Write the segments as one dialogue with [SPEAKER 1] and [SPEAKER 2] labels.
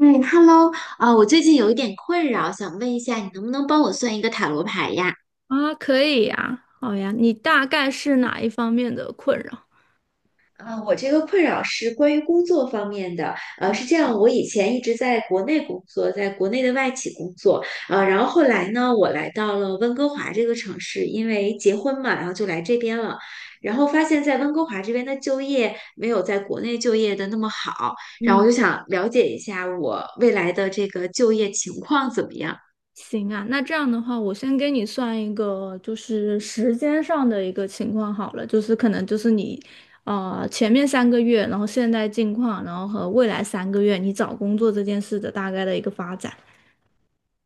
[SPEAKER 1] 嗯，Hello，我最近有一点困扰，想问一下，你能不能帮我算一个塔罗牌呀？
[SPEAKER 2] 啊，可以呀，好呀，你大概是哪一方面的困扰？
[SPEAKER 1] 我这个困扰是关于工作方面的，是这样，我以前一直在国内工作，在国内的外企工作，然后后来呢，我来到了温哥华这个城市，因为结婚嘛，然后就来这边了，然后发现在温哥华这边的就业没有在国内就业的那么好，然后
[SPEAKER 2] 嗯，
[SPEAKER 1] 我就想了解一下我未来的这个就业情况怎么样。
[SPEAKER 2] 行啊，那这样的话，我先给你算一个，就是时间上的一个情况好了，就是可能就是你，前面三个月，然后现在近况，然后和未来三个月你找工作这件事的大概的一个发展。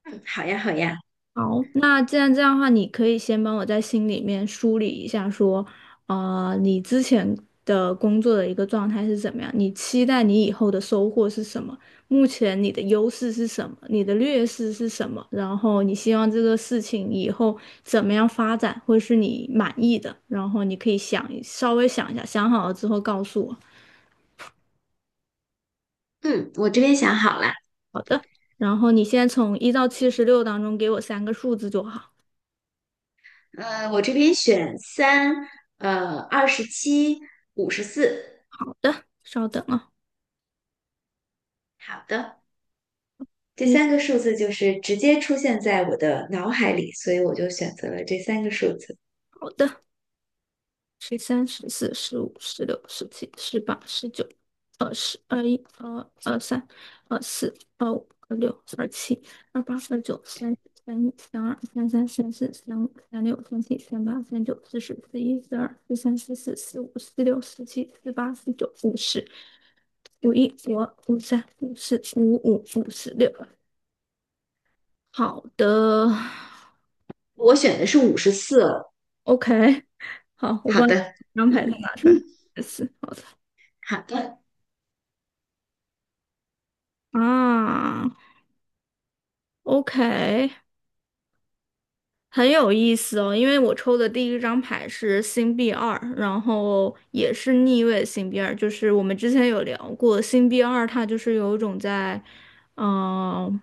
[SPEAKER 1] 嗯，好呀，好呀。
[SPEAKER 2] 好，那既然这样的话，你可以先帮我在心里面梳理一下，说，你之前的工作的一个状态是怎么样？你期待你以后的收获是什么？目前你的优势是什么？你的劣势是什么？然后你希望这个事情以后怎么样发展，会是你满意的？然后你可以稍微想一下，想好了之后告诉我。
[SPEAKER 1] 嗯，我这边想好了，
[SPEAKER 2] 然后你先从1到76当中给我三个数字就好。
[SPEAKER 1] 我这边选三，27，五十四。
[SPEAKER 2] 好的，稍等啊。
[SPEAKER 1] 好的，这
[SPEAKER 2] 嗯
[SPEAKER 1] 三个数字就是直接出现在我的脑海里，所以我就选择了这三个数字。
[SPEAKER 2] 好的。13、14、15、十六、17、18、19、20、21、22、23、24、25、26、27、28、29、30、31、32、33、34、35、36、37、38、39、40、41、42、43、44、45、46、47、48、49、五十、51、52、53、54、55、56。好的
[SPEAKER 1] 我选的是五十四。
[SPEAKER 2] ，OK,好，我
[SPEAKER 1] 好
[SPEAKER 2] 把
[SPEAKER 1] 的，
[SPEAKER 2] 安牌都
[SPEAKER 1] 嗯
[SPEAKER 2] 拿
[SPEAKER 1] 嗯，
[SPEAKER 2] 出来。四，好的
[SPEAKER 1] 好的，
[SPEAKER 2] 啊。OK,很有意思哦，因为我抽的第一张牌是星币二，然后也是逆位星币二，就是我们之前有聊过，星币二它就是有一种在，嗯、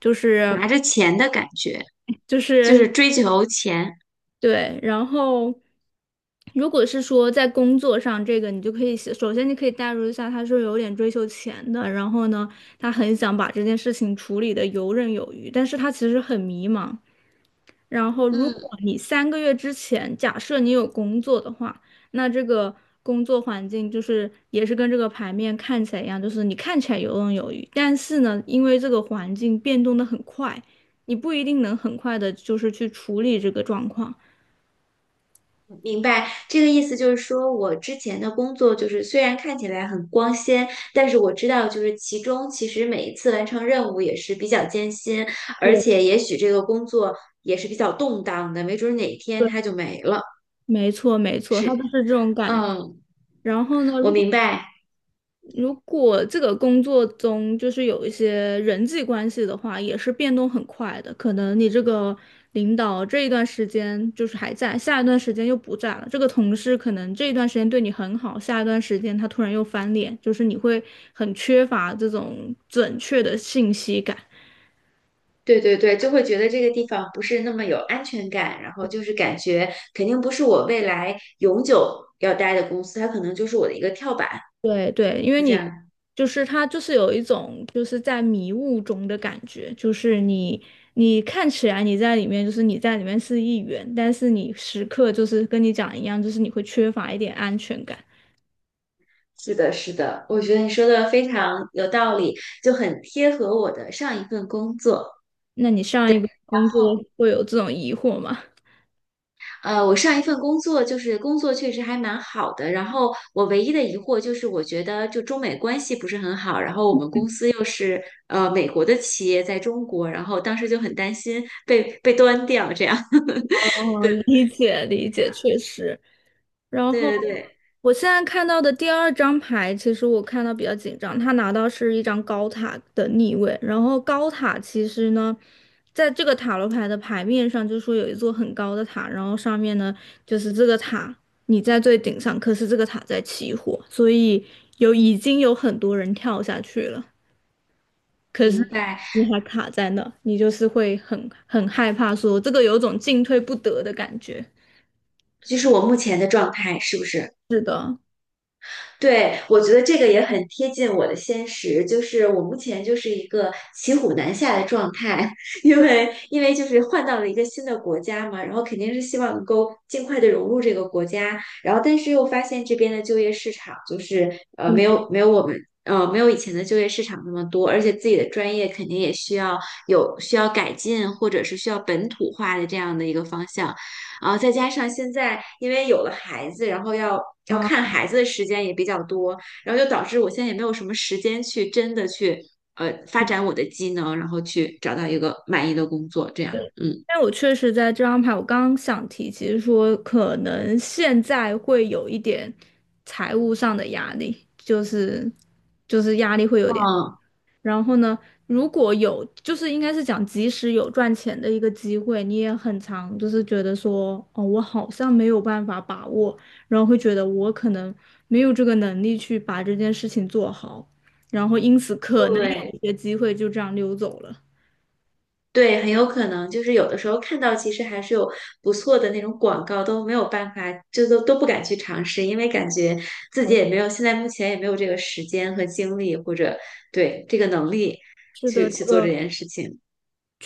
[SPEAKER 2] 就是
[SPEAKER 1] 拿着钱的感觉，
[SPEAKER 2] 就
[SPEAKER 1] 就
[SPEAKER 2] 是
[SPEAKER 1] 是追求钱。
[SPEAKER 2] 对，然后如果是说在工作上这个，你就可以写首先你可以代入一下，他是有点追求钱的，然后呢，他很想把这件事情处理的游刃有余，但是他其实很迷茫。然后，如果
[SPEAKER 1] 嗯。
[SPEAKER 2] 你三个月之前，假设你有工作的话，那这个工作环境就是也是跟这个牌面看起来一样，就是你看起来游刃有余，但是呢，因为这个环境变动的很快，你不一定能很快的就是去处理这个状况。
[SPEAKER 1] 明白，这个意思就是说，我之前的工作就是虽然看起来很光鲜，但是我知道就是其中其实每一次完成任务也是比较艰辛，而
[SPEAKER 2] 对，
[SPEAKER 1] 且也许这个工作也是比较动荡的，没准儿哪一天它就没了。
[SPEAKER 2] 没错，没错，它
[SPEAKER 1] 是，
[SPEAKER 2] 就是这种感觉。
[SPEAKER 1] 嗯，
[SPEAKER 2] 然后呢，
[SPEAKER 1] 我
[SPEAKER 2] 如果
[SPEAKER 1] 明白。
[SPEAKER 2] 如果这个工作中就是有一些人际关系的话，也是变动很快的。可能你这个领导这一段时间就是还在，下一段时间又不在了。这个同事可能这一段时间对你很好，下一段时间他突然又翻脸，就是你会很缺乏这种准确的信息感。
[SPEAKER 1] 对对对，就会觉得这个地方不是那么有安全感，然后就是感觉肯定不是我未来永久要待的公司，它可能就是我的一个跳板，
[SPEAKER 2] 对对，因为
[SPEAKER 1] 就这
[SPEAKER 2] 你
[SPEAKER 1] 样。
[SPEAKER 2] 就是他，就是有一种就是在迷雾中的感觉，就是你看起来你在里面，就是你在里面是一员，但是你时刻就是跟你讲一样，就是你会缺乏一点安全感。
[SPEAKER 1] 是的，是的，我觉得你说的非常有道理，就很贴合我的上一份工作。
[SPEAKER 2] 那你上一个工作会有这种疑惑吗？
[SPEAKER 1] 我上一份工作就是工作确实还蛮好的，然后我唯一的疑惑就是，我觉得就中美关系不是很好，然后我们公司又是美国的企业在中国，然后当时就很担心被端掉这样。对，
[SPEAKER 2] 理解理解，确实。然
[SPEAKER 1] 对
[SPEAKER 2] 后
[SPEAKER 1] 对对，
[SPEAKER 2] 我现在看到的第二张牌，其实我看到比较紧张，他拿到是一张高塔的逆位，然后高塔其实呢，在这个塔罗牌的牌面上，就说有一座很高的塔，然后上面呢就是这个塔你在最顶上，可是这个塔在起火，所以有已经有很多人跳下去了，可是
[SPEAKER 1] 明白，
[SPEAKER 2] 你还卡在那，你就是会很害怕说这个有种进退不得的感觉。
[SPEAKER 1] 就是我目前的状态是不是？
[SPEAKER 2] 是的。
[SPEAKER 1] 对，我觉得这个也很贴近我的现实，就是我目前就是一个骑虎难下的状态，因为就是换到了一个新的国家嘛，然后肯定是希望能够尽快的融入这个国家，然后但是又发现这边的就业市场就是没有我们没有以前的就业市场那么多，而且自己的专业肯定也需要需要改进或者是需要本土化的这样的一个方向，再加上现在因为有了孩子，然后要看
[SPEAKER 2] 啊。
[SPEAKER 1] 孩子的时间也比较多，然后就导致我现在也没有什么时间去真的去发展我的技能，然后去找到一个满意的工作，这样，嗯。
[SPEAKER 2] 但我确实在这张牌，我刚刚想提及说，可能现在会有一点财务上的压力，就是压力会有点。
[SPEAKER 1] 嗯，
[SPEAKER 2] 然后呢，如果有，就是应该是讲，即使有赚钱的一个机会，你也很常就是觉得说，哦，我好像没有办法把握，然后会觉得我可能没有这个能力去把这件事情做好，然后因此可能有
[SPEAKER 1] 对
[SPEAKER 2] 一些机会就这样溜走了。
[SPEAKER 1] 对，很有可能就是有的时候看到，其实还是有不错的那种广告，都没有办法，就都不敢去尝试，因为感觉自己也没有，现在目前也没有这个时间和精力，或者对这个能力
[SPEAKER 2] 是的，这
[SPEAKER 1] 去做这
[SPEAKER 2] 个
[SPEAKER 1] 件事情。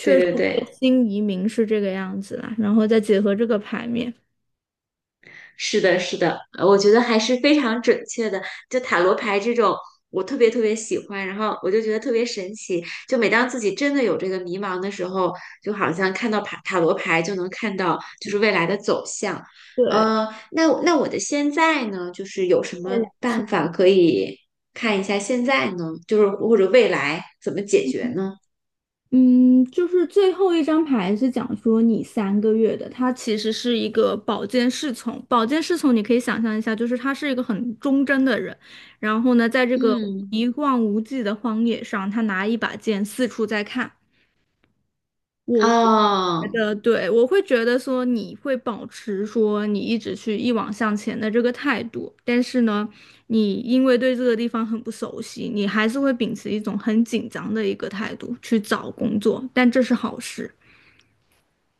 [SPEAKER 1] 对
[SPEAKER 2] 实
[SPEAKER 1] 对
[SPEAKER 2] 对
[SPEAKER 1] 对。
[SPEAKER 2] 新移民是这个样子啦，然后再结合这个牌面，
[SPEAKER 1] 是的，是的，我觉得还是非常准确的。就塔罗牌这种，我特别特别喜欢，然后我就觉得特别神奇。就每当自己真的有这个迷茫的时候，就好像看到塔罗牌就能看到就是未来的走向。
[SPEAKER 2] 对。
[SPEAKER 1] 呃，那我的现在呢，就是有什么
[SPEAKER 2] 来
[SPEAKER 1] 办法可以看一下现在呢？就是或者未来怎么解决
[SPEAKER 2] 嗯，
[SPEAKER 1] 呢？
[SPEAKER 2] 嗯就是最后一张牌是讲说你三个月的，它其实是一个宝剑侍从。宝剑侍从你可以想象一下，就是他是一个很忠贞的人，然后呢，在这个
[SPEAKER 1] 嗯，
[SPEAKER 2] 一望无际的荒野上，他拿一把剑四处在看。我会觉
[SPEAKER 1] 哦。
[SPEAKER 2] 得，对，我会觉得说你会保持说你一直去一往向前的这个态度，但是呢，你因为对这个地方很不熟悉，你还是会秉持一种很紧张的一个态度去找工作，但这是好事。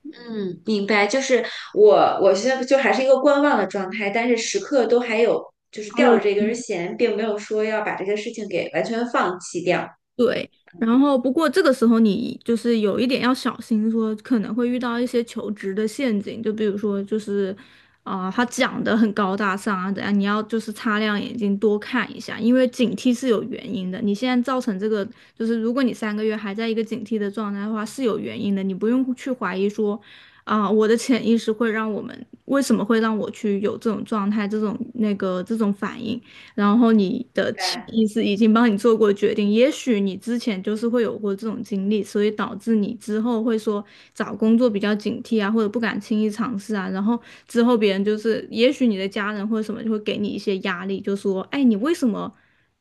[SPEAKER 1] 嗯，明白，我，我现在就还是一个观望的状态，但是时刻都还有就是
[SPEAKER 2] 还
[SPEAKER 1] 吊
[SPEAKER 2] 有。
[SPEAKER 1] 着这根弦，并没有说要把这个事情给完全放弃掉。明
[SPEAKER 2] 对，然后不过这个时候你就是有一点要小心说，可能会遇到一些求职的陷阱，就比如说就是，啊、他讲的很高大上啊，怎样，你要就是擦亮眼睛多看一下，因为警惕是有原因的。你现在造成这个，就是如果你三个月还在一个警惕的状态的话，是有原因的，你不用去怀疑说，啊、我的潜意识会让我们为什么会让我去有这种状态，这种反应。然后你的潜
[SPEAKER 1] 白，
[SPEAKER 2] 意识已经帮你做过决定，也许你之前就是会有过这种经历，所以导致你之后会说找工作比较警惕啊，或者不敢轻易尝试啊，然后之后别人就是，也许你的家人或者什么就会给你一些压力，就说，哎，你为什么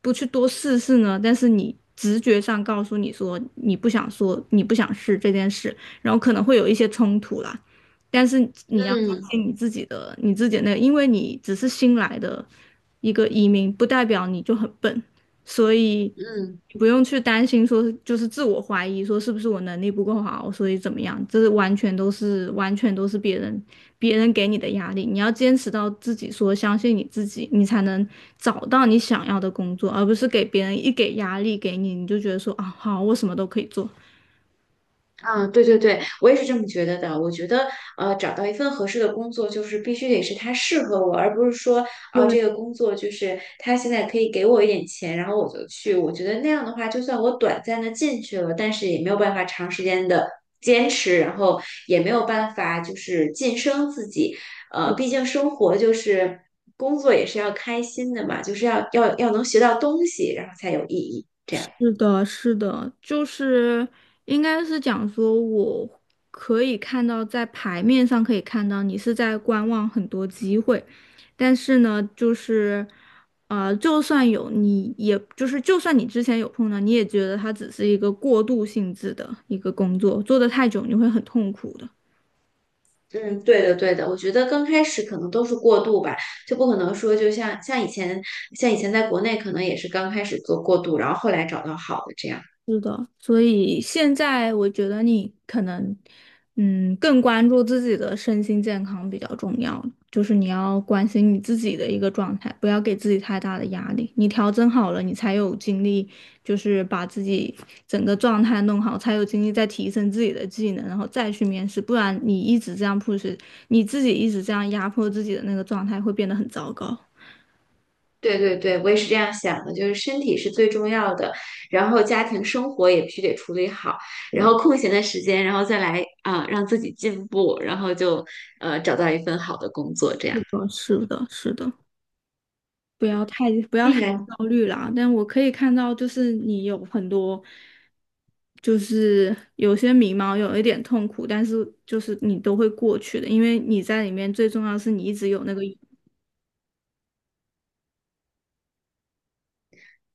[SPEAKER 2] 不去多试试呢？但是你直觉上告诉你说你不想试这件事，然后可能会有一些冲突啦。但是你要相
[SPEAKER 1] 嗯
[SPEAKER 2] 信你自己的，你自己的那个，因为你只是新来的一个移民，不代表你就很笨，所以
[SPEAKER 1] 嗯。
[SPEAKER 2] 你不用去担心说就是自我怀疑，说是不是我能力不够好，所以怎么样，这是完全都是完全都是别人给你的压力，你要坚持到自己说相信你自己，你才能找到你想要的工作，而不是给别人一给压力给你，你就觉得说啊好，我什么都可以做。
[SPEAKER 1] 对对对，我也是这么觉得的。我觉得，找到一份合适的工作，就是必须得是它适合我，而不是说，啊，这个工作就是它现在可以给我一点钱，然后我就去。我觉得那样的话，就算我短暂的进去了，但是也没有办法长时间的坚持，然后也没有办法就是晋升自己。毕竟生活就是工作也是要开心的嘛，就是要要能学到东西，然后才有意义。这样。
[SPEAKER 2] 是的，是的，就是应该是讲说，我可以看到在牌面上可以看到你是在观望很多机会，但是呢，就是就算有你，也就是就算你之前有碰到，你也觉得它只是一个过渡性质的一个工作，做得太久你会很痛苦的。
[SPEAKER 1] 嗯，对的，对的，我觉得刚开始可能都是过渡吧，就不可能说就像以前，像以前在国内可能也是刚开始做过渡，然后后来找到好的这样。
[SPEAKER 2] 所以现在我觉得你可能，嗯，更关注自己的身心健康比较重要，就是你要关心你自己的一个状态，不要给自己太大的压力。你调整好了，你才有精力，就是把自己整个状态弄好，才有精力再提升自己的技能，然后再去面试。不然你一直这样 push,你自己一直这样压迫自己的那个状态会变得很糟糕。
[SPEAKER 1] 对对对，我也是这样想的，就是身体是最重要的，然后家庭生活也必须得处理好，然后空闲的时间，然后再来啊、让自己进步，然后就找到一份好的工作这样。
[SPEAKER 2] 是的，是的，是的。不要太不要
[SPEAKER 1] 哎
[SPEAKER 2] 太
[SPEAKER 1] 呀，
[SPEAKER 2] 焦虑啦，但我可以看到，就是你有很多，就是有些迷茫，有一点痛苦，但是就是你都会过去的，因为你在里面最重要的是你一直有那个勇气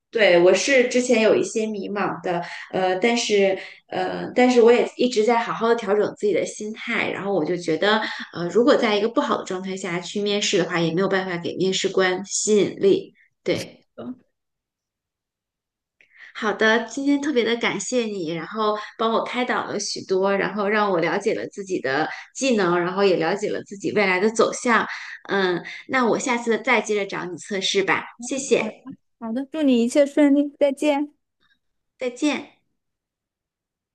[SPEAKER 1] 对，我是之前有一些迷茫的，呃，但是，但是我也一直在好好的调整自己的心态，然后我就觉得，如果在一个不好的状态下去面试的话，也没有办法给面试官吸引力。对，
[SPEAKER 2] 哦。
[SPEAKER 1] 好的，今天特别的感谢你，然后帮我开导了许多，然后让我了解了自己的技能，然后也了解了自己未来的走向。嗯，那我下次再接着找你测试吧，谢谢，
[SPEAKER 2] 好的，祝你再见。
[SPEAKER 1] 再见。